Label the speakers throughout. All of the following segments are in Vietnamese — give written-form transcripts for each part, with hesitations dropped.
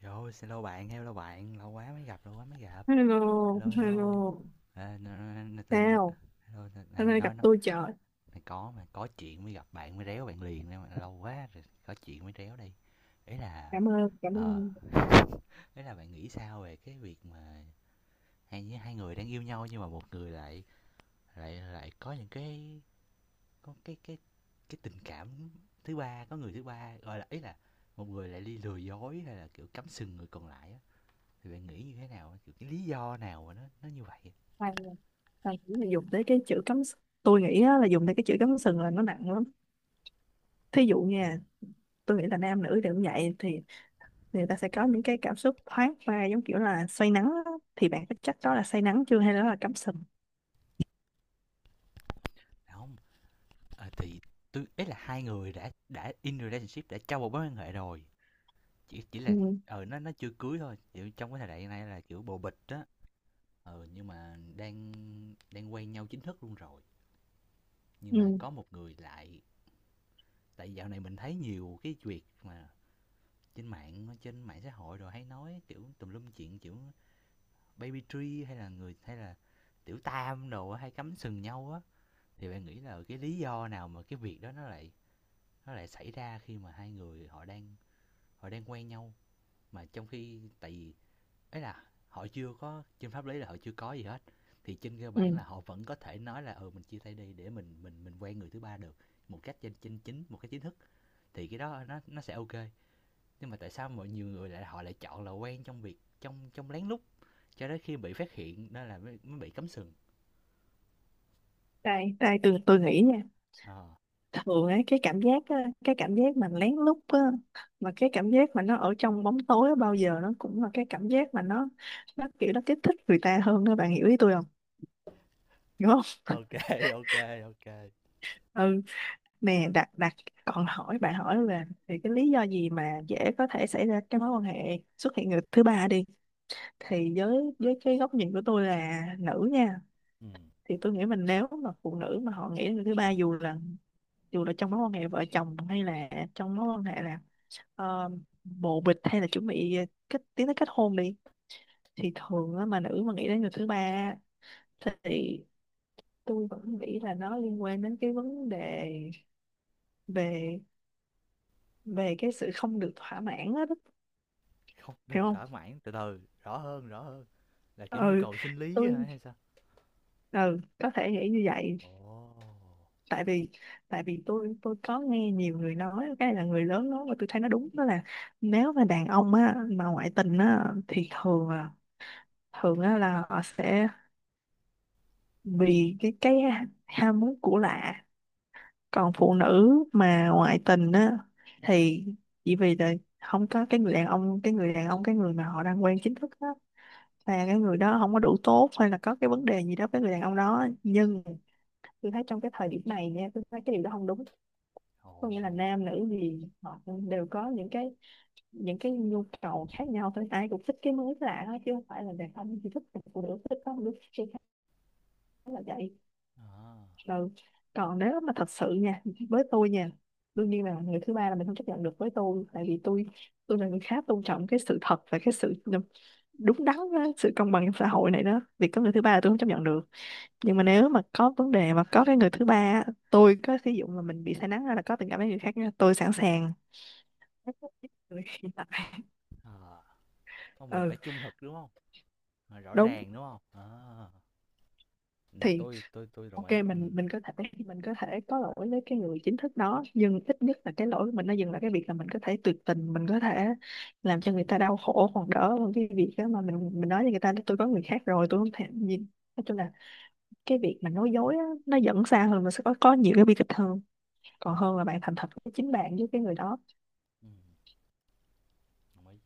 Speaker 1: Rồi, xin lỗi bạn, hello bạn, lâu quá mới gặp, lâu quá mới gặp.
Speaker 2: Hello,
Speaker 1: Hello, hello.
Speaker 2: hello.
Speaker 1: À, tên
Speaker 2: Sao?
Speaker 1: hello,
Speaker 2: Hôm
Speaker 1: này,
Speaker 2: nay
Speaker 1: nói
Speaker 2: gặp
Speaker 1: nó
Speaker 2: tôi trời.
Speaker 1: này có mà có chuyện mới gặp bạn mới réo bạn liền nên mà lâu quá rồi có chuyện mới réo đi. Ý là
Speaker 2: Cảm ơn, cảm
Speaker 1: ờ
Speaker 2: ơn.
Speaker 1: ý là bạn nghĩ sao về cái việc mà hai hai người đang yêu nhau nhưng mà một người lại lại lại có những cái có cái cái tình cảm thứ ba, có người thứ ba gọi là ý là một người lại đi lừa dối hay là kiểu cắm sừng người còn lại á, thì bạn nghĩ như thế nào, kiểu cái lý do nào mà nó như vậy.
Speaker 2: Thầy, thầy nghĩ là dùng tới cái chữ cắm s- Tôi nghĩ á, là dùng tới cái chữ cắm sừng là nó nặng lắm. Thí dụ nha, tôi nghĩ là nam nữ đều như vậy thì người ta sẽ có những cái cảm xúc thoáng qua giống kiểu là say nắng á. Thì bạn có chắc đó là say nắng chưa hay đó là cắm sừng?
Speaker 1: Dạ không, à, thì tôi ấy là hai người đã in relationship, đã trong một mối quan hệ rồi, chỉ
Speaker 2: Ừ,
Speaker 1: là ừ, nó chưa cưới thôi, kiểu trong cái thời đại này là kiểu bồ bịch đó. Nhưng mà đang đang quen nhau chính thức luôn rồi, nhưng mà
Speaker 2: ừ,
Speaker 1: có một người lại, tại dạo này mình thấy nhiều cái việc mà trên mạng xã hội rồi hay nói kiểu tùm lum chuyện, kiểu baby tree hay là người hay là tiểu tam đồ hay cắm sừng nhau á, thì bạn nghĩ là cái lý do nào mà cái việc đó nó lại xảy ra khi mà hai người họ đang quen nhau, mà trong khi tại vì ấy là họ chưa có trên pháp lý, là họ chưa có gì hết, thì trên cơ
Speaker 2: ừ.
Speaker 1: bản là họ vẫn có thể nói là ừ mình chia tay đi để mình mình quen người thứ ba được một cách trên chính chính một cái chính thức, thì cái đó nó sẽ ok, nhưng mà tại sao mọi nhiều người lại họ lại chọn là quen trong việc trong trong lén lút, cho đến khi bị phát hiện đó là mới bị cấm sừng.
Speaker 2: Đây, đây tôi nghĩ nha.
Speaker 1: Ờ.
Speaker 2: Thường ấy cái cảm giác á, cái cảm giác mà lén lút á, mà cái cảm giác mà nó ở trong bóng tối á, bao giờ nó cũng là cái cảm giác mà nó kiểu nó kích thích người ta hơn đó, bạn hiểu ý tôi không, đúng không?
Speaker 1: Ok, ok, ok,
Speaker 2: Ừ, nè đặt đặt còn hỏi, bạn hỏi là thì cái lý do gì mà dễ có thể xảy ra cái mối quan hệ xuất hiện người thứ ba đi, thì với cái góc nhìn của tôi là nữ nha,
Speaker 1: ừ.
Speaker 2: thì tôi nghĩ mình nếu mà phụ nữ mà họ nghĩ đến người thứ ba, dù là trong mối quan hệ vợ chồng hay là trong mối quan hệ là ờ, bồ bịch hay là chuẩn bị kết tiến tới kết hôn đi, thì thường á, mà nữ mà nghĩ đến người thứ ba á, thì tôi vẫn nghĩ là nó liên quan đến cái vấn đề về về cái sự không được thỏa mãn á đó,
Speaker 1: Không,
Speaker 2: hiểu
Speaker 1: đừng
Speaker 2: không?
Speaker 1: thỏa mãn, từ từ, rõ hơn, rõ hơn. Là, kiểu, nhu
Speaker 2: Ừ
Speaker 1: cầu sinh lý hả
Speaker 2: tôi,
Speaker 1: hay sao?
Speaker 2: ừ có thể nghĩ như vậy.
Speaker 1: Ồ,
Speaker 2: Tại vì tại vì tôi có nghe nhiều người nói cái này, là người lớn nói, và tôi thấy nó đúng, đó là nếu mà đàn ông á mà ngoại tình á thì thường là thường á là họ sẽ vì cái ham muốn của lạ, còn phụ nữ mà ngoại tình á thì chỉ vì là không có cái người đàn ông, cái người đàn ông, cái người mà họ đang quen chính thức á, là cái người đó không có đủ tốt hay là có cái vấn đề gì đó với người đàn ông đó, nhưng tôi thấy trong cái thời điểm này nha, tôi thấy cái điều đó không đúng. Có nghĩa là
Speaker 1: ồ,
Speaker 2: nam nữ gì họ cũng đều có những cái nhu cầu khác nhau thôi, ai cũng thích cái mới lạ hết chứ không phải là đàn ông chỉ thích một, phụ nữ thích có một đứa thích cái khác, là vậy.
Speaker 1: à,
Speaker 2: Ừ. Còn nếu mà thật sự nha, với tôi nha, đương nhiên là người thứ ba là mình không chấp nhận được, với tôi tại vì tôi là người khá tôn trọng cái sự thật và cái sự đúng đắn á, sự công bằng trong xã hội này đó, việc có người thứ ba là tôi không chấp nhận được. Nhưng
Speaker 1: ừm.
Speaker 2: mà nếu mà có vấn đề mà có cái người thứ ba á, tôi có sử dụng mà mình bị say nắng hay là có tình cảm với người khác nha, tôi sẵn sàng.
Speaker 1: ờ, Không, mình
Speaker 2: Ừ,
Speaker 1: phải trung thực, đúng không? Ờ, rõ
Speaker 2: đúng.
Speaker 1: ràng, đúng không? À, ừm,
Speaker 2: Thì
Speaker 1: tôi tôi đồng
Speaker 2: OK,
Speaker 1: ý.
Speaker 2: mình có thể, mình có thể có lỗi với cái người chính thức đó, nhưng ít nhất là cái lỗi của mình nó dừng lại cái việc là mình có thể tuyệt tình, mình có thể làm cho người ta đau khổ, còn đỡ hơn cái việc đó mà mình nói với người ta là tôi có người khác rồi, tôi không thèm gì. Nói chung là cái việc mà nói dối á, nó dẫn xa hơn, nó sẽ có nhiều cái bi kịch hơn còn
Speaker 1: Ừm,
Speaker 2: hơn là bạn thành thật với chính bạn với cái người đó.
Speaker 1: ừm, đồng ý.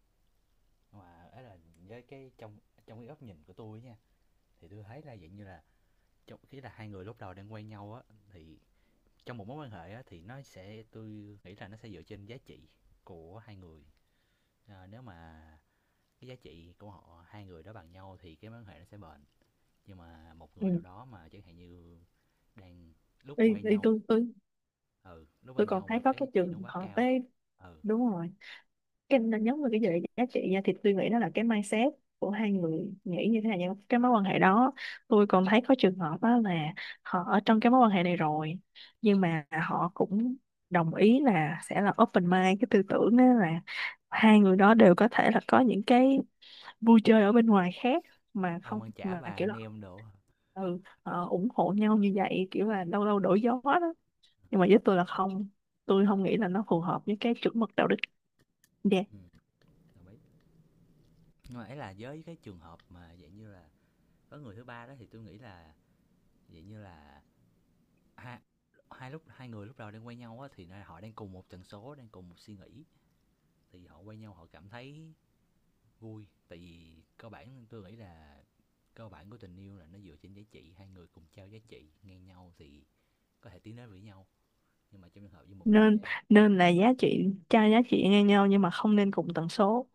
Speaker 1: Mà ấy là với cái trong trong cái góc nhìn của tôi á nha, thì tôi thấy là dạng như là trong ý là hai người lúc đầu đang quen nhau á, thì trong một mối quan hệ á thì nó sẽ, tôi nghĩ là nó sẽ dựa trên giá trị của hai người. Ờ, nếu mà cái giá trị của họ hai người đó bằng nhau thì cái mối quan hệ nó sẽ bền, nhưng mà một
Speaker 2: Ừ.
Speaker 1: người nào đó mà chẳng hạn như đang lúc
Speaker 2: Đi
Speaker 1: quay
Speaker 2: đi
Speaker 1: nhau,
Speaker 2: tôi tôi
Speaker 1: ừ lúc quay
Speaker 2: tôi còn
Speaker 1: nhau mà
Speaker 2: thấy có
Speaker 1: cái giá
Speaker 2: cái
Speaker 1: trị nó
Speaker 2: trường
Speaker 1: quá
Speaker 2: hợp
Speaker 1: cao.
Speaker 2: ấy.
Speaker 1: Ừ,
Speaker 2: Đúng rồi, cái nó nhấn vào cái gì giá trị nha, thì tôi nghĩ đó là cái mindset của hai người nghĩ như thế nào trong cái mối quan hệ đó. Tôi còn thấy có trường hợp đó là họ ở trong cái mối quan hệ này rồi, nhưng mà họ cũng đồng ý là sẽ là open mind, cái tư tưởng đó là hai người đó đều có thể là có những cái vui chơi ở bên ngoài khác, mà
Speaker 1: ông
Speaker 2: không
Speaker 1: ăn chả
Speaker 2: mà
Speaker 1: bà
Speaker 2: kiểu
Speaker 1: ăn
Speaker 2: là
Speaker 1: nem đồ.
Speaker 2: ừ, ờ, ủng hộ nhau như vậy, kiểu là lâu lâu đổi gió đó. Nhưng mà với tôi là không, tôi
Speaker 1: Ừ,
Speaker 2: không nghĩ là nó phù hợp với cái chuẩn mực đạo đức. Dạ.
Speaker 1: ừ, đồng ý. Nhưng mà ấy là với cái trường hợp mà dạng như là có người thứ ba đó thì tôi nghĩ là dạng như là hai, hai lúc hai người lúc đầu đang quen nhau á thì họ đang cùng một tần số, đang cùng một suy nghĩ, thì họ quen nhau, họ cảm thấy vui, tại vì cơ bản tôi nghĩ là cơ bản của tình yêu là nó dựa trên giá trị, hai người cùng trao giá trị ngang nhau thì có thể tiến đến với nhau. Nhưng mà trong trường hợp với một người
Speaker 2: nên
Speaker 1: đang đang.
Speaker 2: nên là giá trị cho giá trị ngang nhau, nhưng mà không nên cùng tần số.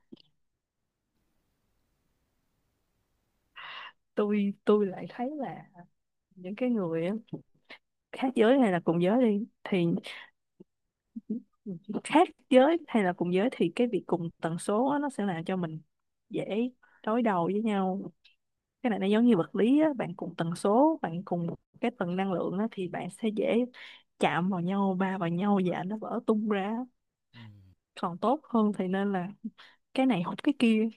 Speaker 2: Tôi lại thấy là những cái người á, khác giới hay là cùng giới đi thì khác giới hay là cùng giới, thì cái việc cùng tần số á, nó sẽ làm cho mình dễ đối đầu với nhau. Cái này nó giống như vật lý á, bạn cùng tần số, bạn cùng một cái tầng năng lượng á, thì bạn sẽ dễ chạm vào nhau, va vào nhau và nó vỡ tung ra.
Speaker 1: Ừm,
Speaker 2: Còn tốt hơn thì nên là cái này hút cái kia,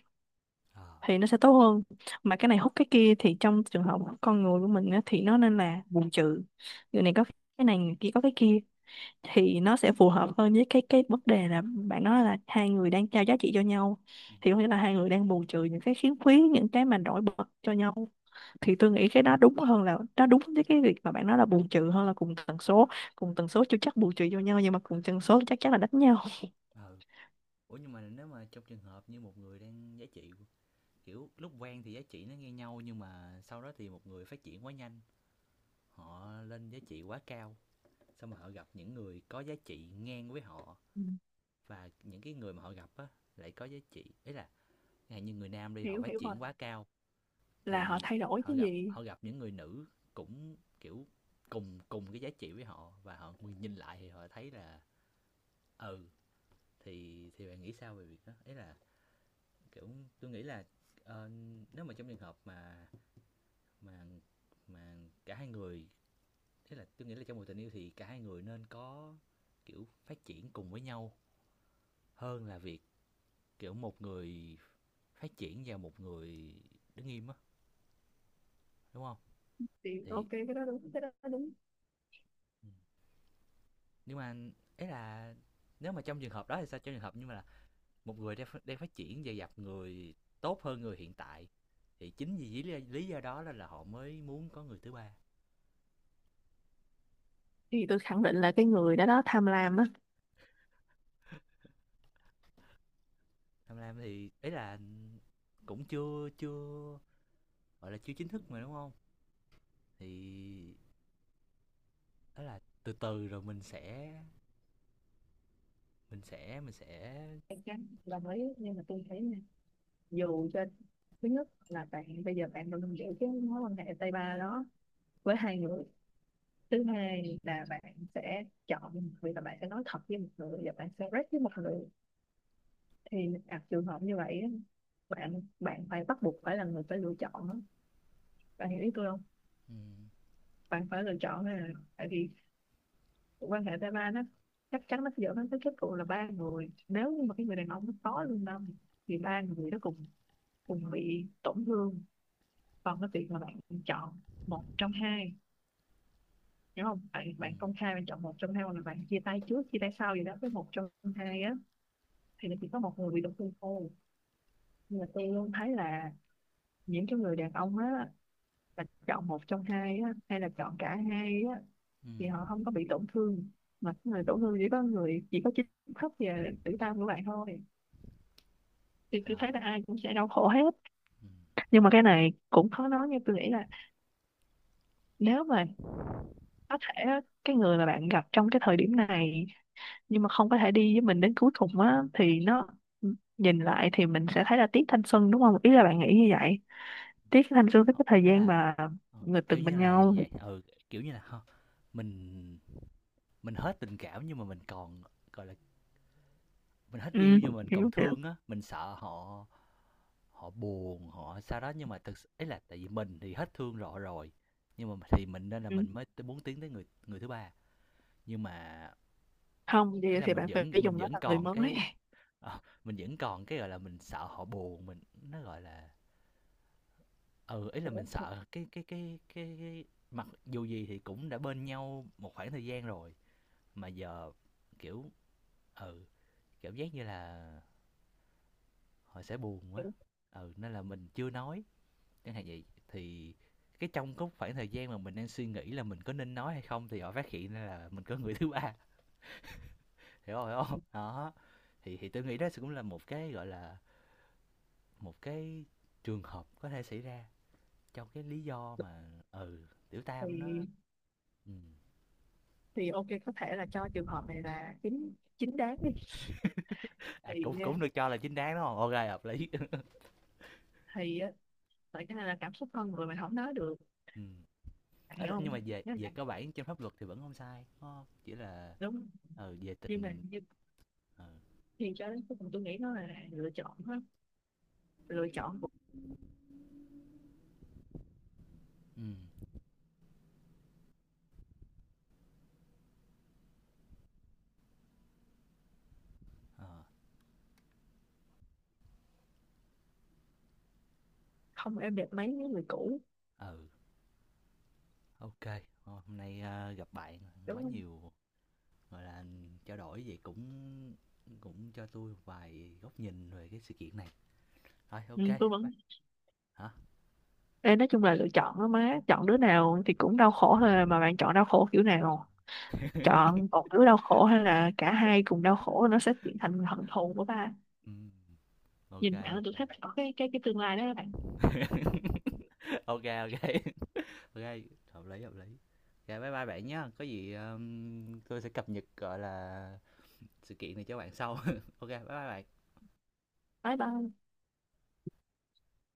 Speaker 1: ờ,
Speaker 2: thì nó sẽ tốt hơn. Mà cái này hút cái kia thì trong trường hợp con người của mình á, thì nó nên là bù trừ. Người này có cái này, người kia có cái kia, thì nó sẽ phù hợp hơn với cái vấn đề là bạn nói là hai người đang trao giá trị cho nhau,
Speaker 1: ừ.
Speaker 2: thì có nghĩa là hai người đang bù trừ những cái khiếm khuyết, những cái mà nổi bật cho nhau. Thì tôi nghĩ cái đó đúng hơn, là nó đúng với cái việc mà bạn nói, là bù trừ hơn là cùng tần số. Cùng tần số chưa chắc bù trừ cho nhau, nhưng mà cùng tần số chắc chắn là đánh nhau.
Speaker 1: Ờ, ủa nhưng mà nếu mà trong trường hợp như một người đang giá trị, kiểu lúc quen thì giá trị nó ngang nhau, nhưng mà sau đó thì một người phát triển quá nhanh, họ lên giá trị quá cao, xong mà họ gặp những người có giá trị ngang với họ
Speaker 2: Ừ,
Speaker 1: và những cái người mà họ gặp á lại có giá trị, ý là hay như người nam đi họ
Speaker 2: hiểu
Speaker 1: phát
Speaker 2: hiểu rồi,
Speaker 1: triển quá cao,
Speaker 2: là họ
Speaker 1: thì
Speaker 2: thay đổi cái gì.
Speaker 1: họ gặp những người nữ cũng kiểu cùng cùng cái giá trị với họ, và họ nhìn lại thì họ thấy là ừ, thì bạn nghĩ sao về việc đó, ấy là kiểu tôi nghĩ là ờ, nếu mà trong trường hợp mà mà mà cả hai người, thế là tôi nghĩ là trong một tình yêu thì cả hai người nên có kiểu phát triển cùng với nhau hơn là việc kiểu một người phát triển và một người đứng im á, đúng không?
Speaker 2: Thì
Speaker 1: Thì
Speaker 2: OK, cái đó đúng, cái đó đúng.
Speaker 1: ừ, nhưng mà ấy là nếu mà trong trường hợp đó thì sao, trong trường hợp nhưng mà là một người đang phát triển và gặp người tốt hơn người hiện tại, thì chính vì lý do đó là họ mới muốn có người thứ ba.
Speaker 2: Thì tôi khẳng định là cái người đó đó tham lam á.
Speaker 1: Tham lam thì ấy là cũng chưa chưa gọi là chưa chính thức mà đúng không, thì đó là từ từ rồi mình sẽ
Speaker 2: Em chắc đồng ý, nhưng mà tôi thấy nha, dù cho thứ nhất là bạn bây giờ bạn đang giữ cái mối quan hệ tay ba đó với hai người, thứ hai là bạn sẽ chọn một người, là bạn sẽ nói thật với một người và bạn sẽ rep với một người. Thì gặp trường hợp như vậy á, bạn bạn phải bắt buộc phải là người phải lựa chọn á. Bạn hiểu ý tôi không?
Speaker 1: ừ,
Speaker 2: Bạn phải lựa chọn, là tại vì quan hệ tay ba nó chắc chắn nó sẽ dẫn đến cái kết cục là ba người, nếu như mà cái người đàn ông nó có lương tâm thì ba người đó cùng cùng bị tổn thương. Còn cái việc mà bạn chọn một trong hai, đúng không, bạn
Speaker 1: ừ,
Speaker 2: bạn công khai bạn chọn một trong hai, hoặc là bạn chia tay trước chia tay sau gì đó với một trong hai á, thì nó chỉ có một người bị tổn thương thôi. Nhưng mà tôi luôn thấy là những cái người đàn ông á, là chọn một trong hai á hay là chọn cả hai á,
Speaker 1: ừ,
Speaker 2: thì họ không có bị tổn thương, mà cái người tổn thương chỉ có người, chỉ có chính thức về tử tâm của bạn thôi. Thì tôi
Speaker 1: ờ,
Speaker 2: thấy là ai cũng sẽ đau khổ hết.
Speaker 1: ừ.
Speaker 2: Nhưng mà cái này cũng khó nói, như tôi nghĩ là nếu mà có thể á, cái người mà bạn gặp trong cái thời điểm này nhưng mà không có thể đi với mình đến cuối cùng á, thì nó nhìn lại thì mình sẽ thấy là tiếc thanh xuân, đúng không, ý là bạn nghĩ như vậy, tiếc thanh xuân với
Speaker 1: Ờ,
Speaker 2: cái thời
Speaker 1: đó
Speaker 2: gian
Speaker 1: là
Speaker 2: mà
Speaker 1: ừ,
Speaker 2: người
Speaker 1: kiểu
Speaker 2: từng
Speaker 1: như
Speaker 2: bên
Speaker 1: là
Speaker 2: nhau.
Speaker 1: vậy, ừ, kiểu như là ha, mình mình hết tình cảm nhưng mà mình còn, gọi là, mình hết
Speaker 2: Ừ,
Speaker 1: yêu nhưng mà mình còn
Speaker 2: hiểu hiểu.
Speaker 1: thương á, mình sợ họ họ buồn, họ sao đó, nhưng mà thực s ý là tại vì mình thì hết thương họ rồi, nhưng mà thì mình nên là
Speaker 2: Ừ.
Speaker 1: mình mới t muốn tiến tới người người thứ ba. Nhưng mà
Speaker 2: Không thì,
Speaker 1: ấy là
Speaker 2: thì bạn phải
Speaker 1: mình
Speaker 2: dùng nó
Speaker 1: vẫn
Speaker 2: là người
Speaker 1: còn
Speaker 2: mới.
Speaker 1: cái ờ, mình vẫn còn cái, gọi là, mình sợ họ buồn, mình nó, gọi là ừ, ấy là mình
Speaker 2: Hiểu,
Speaker 1: sợ cái cái mặc dù gì thì cũng đã bên nhau một khoảng thời gian rồi, mà giờ, kiểu ừ, cảm giác như là họ sẽ buồn quá,
Speaker 2: hiểu.
Speaker 1: ừ nên là mình chưa nói, chẳng hạn vậy thì cái trong cái khoảng thời gian mà mình đang suy nghĩ là mình có nên nói hay không thì họ phát hiện ra là mình có người thứ ba, hiểu không đó, thì tôi nghĩ đó cũng là một cái gọi là một cái trường hợp có thể xảy ra trong cái lý do mà ừ tiểu tam nó
Speaker 2: thì
Speaker 1: ừ.
Speaker 2: thì OK, có thể là cho trường hợp này là chính chính đáng đi.
Speaker 1: À,
Speaker 2: Thì
Speaker 1: cũng
Speaker 2: à,
Speaker 1: cũng được cho là chính đáng đúng không, ok hợp lý.
Speaker 2: thì á, tại cái này là cảm xúc con người mình không nói được.
Speaker 1: Ừ.
Speaker 2: Bạn
Speaker 1: Ấy là
Speaker 2: hiểu không?
Speaker 1: nhưng mà về
Speaker 2: Nhớ
Speaker 1: về
Speaker 2: lại,
Speaker 1: cơ bản trên pháp luật thì vẫn không sai đúng không, chỉ là
Speaker 2: đúng,
Speaker 1: ừ, về
Speaker 2: nhưng mà
Speaker 1: tình ừ.
Speaker 2: thì cho đến cuối cùng tôi nghĩ nó là lựa chọn hết. Lựa chọn cũng
Speaker 1: Ừ. Ờ.
Speaker 2: không êm đẹp mấy với người cũ,
Speaker 1: Ừ, OK. Hôm hôm nay, a, gặp bạn
Speaker 2: đúng
Speaker 1: quá
Speaker 2: không?
Speaker 1: nhiều, gọi là, trao đổi vậy cũng cũng cho tôi một vài góc nhìn về cái sự kiện này. Rồi,
Speaker 2: Ừ,
Speaker 1: OK,
Speaker 2: tôi vẫn.
Speaker 1: bye. Hả?
Speaker 2: Ê, nói chung là lựa chọn đó má, chọn đứa nào thì cũng đau khổ thôi à, mà bạn chọn đau khổ kiểu nào, chọn một đứa đau khổ hay là cả hai cùng đau khổ, nó sẽ chuyển thành hận thù của ba.
Speaker 1: Ừm, OK,
Speaker 2: Nhìn bạn tôi
Speaker 1: OK.
Speaker 2: thấy bạn có cái tương lai đó các bạn.
Speaker 1: OK, OK, OK, hợp lý, hợp lý. OK, bye bye bạn nhé. Có gì, tôi sẽ cập nhật, gọi là, sự kiện này cho bạn sau. OK, bye bye bạn.
Speaker 2: Bye bye.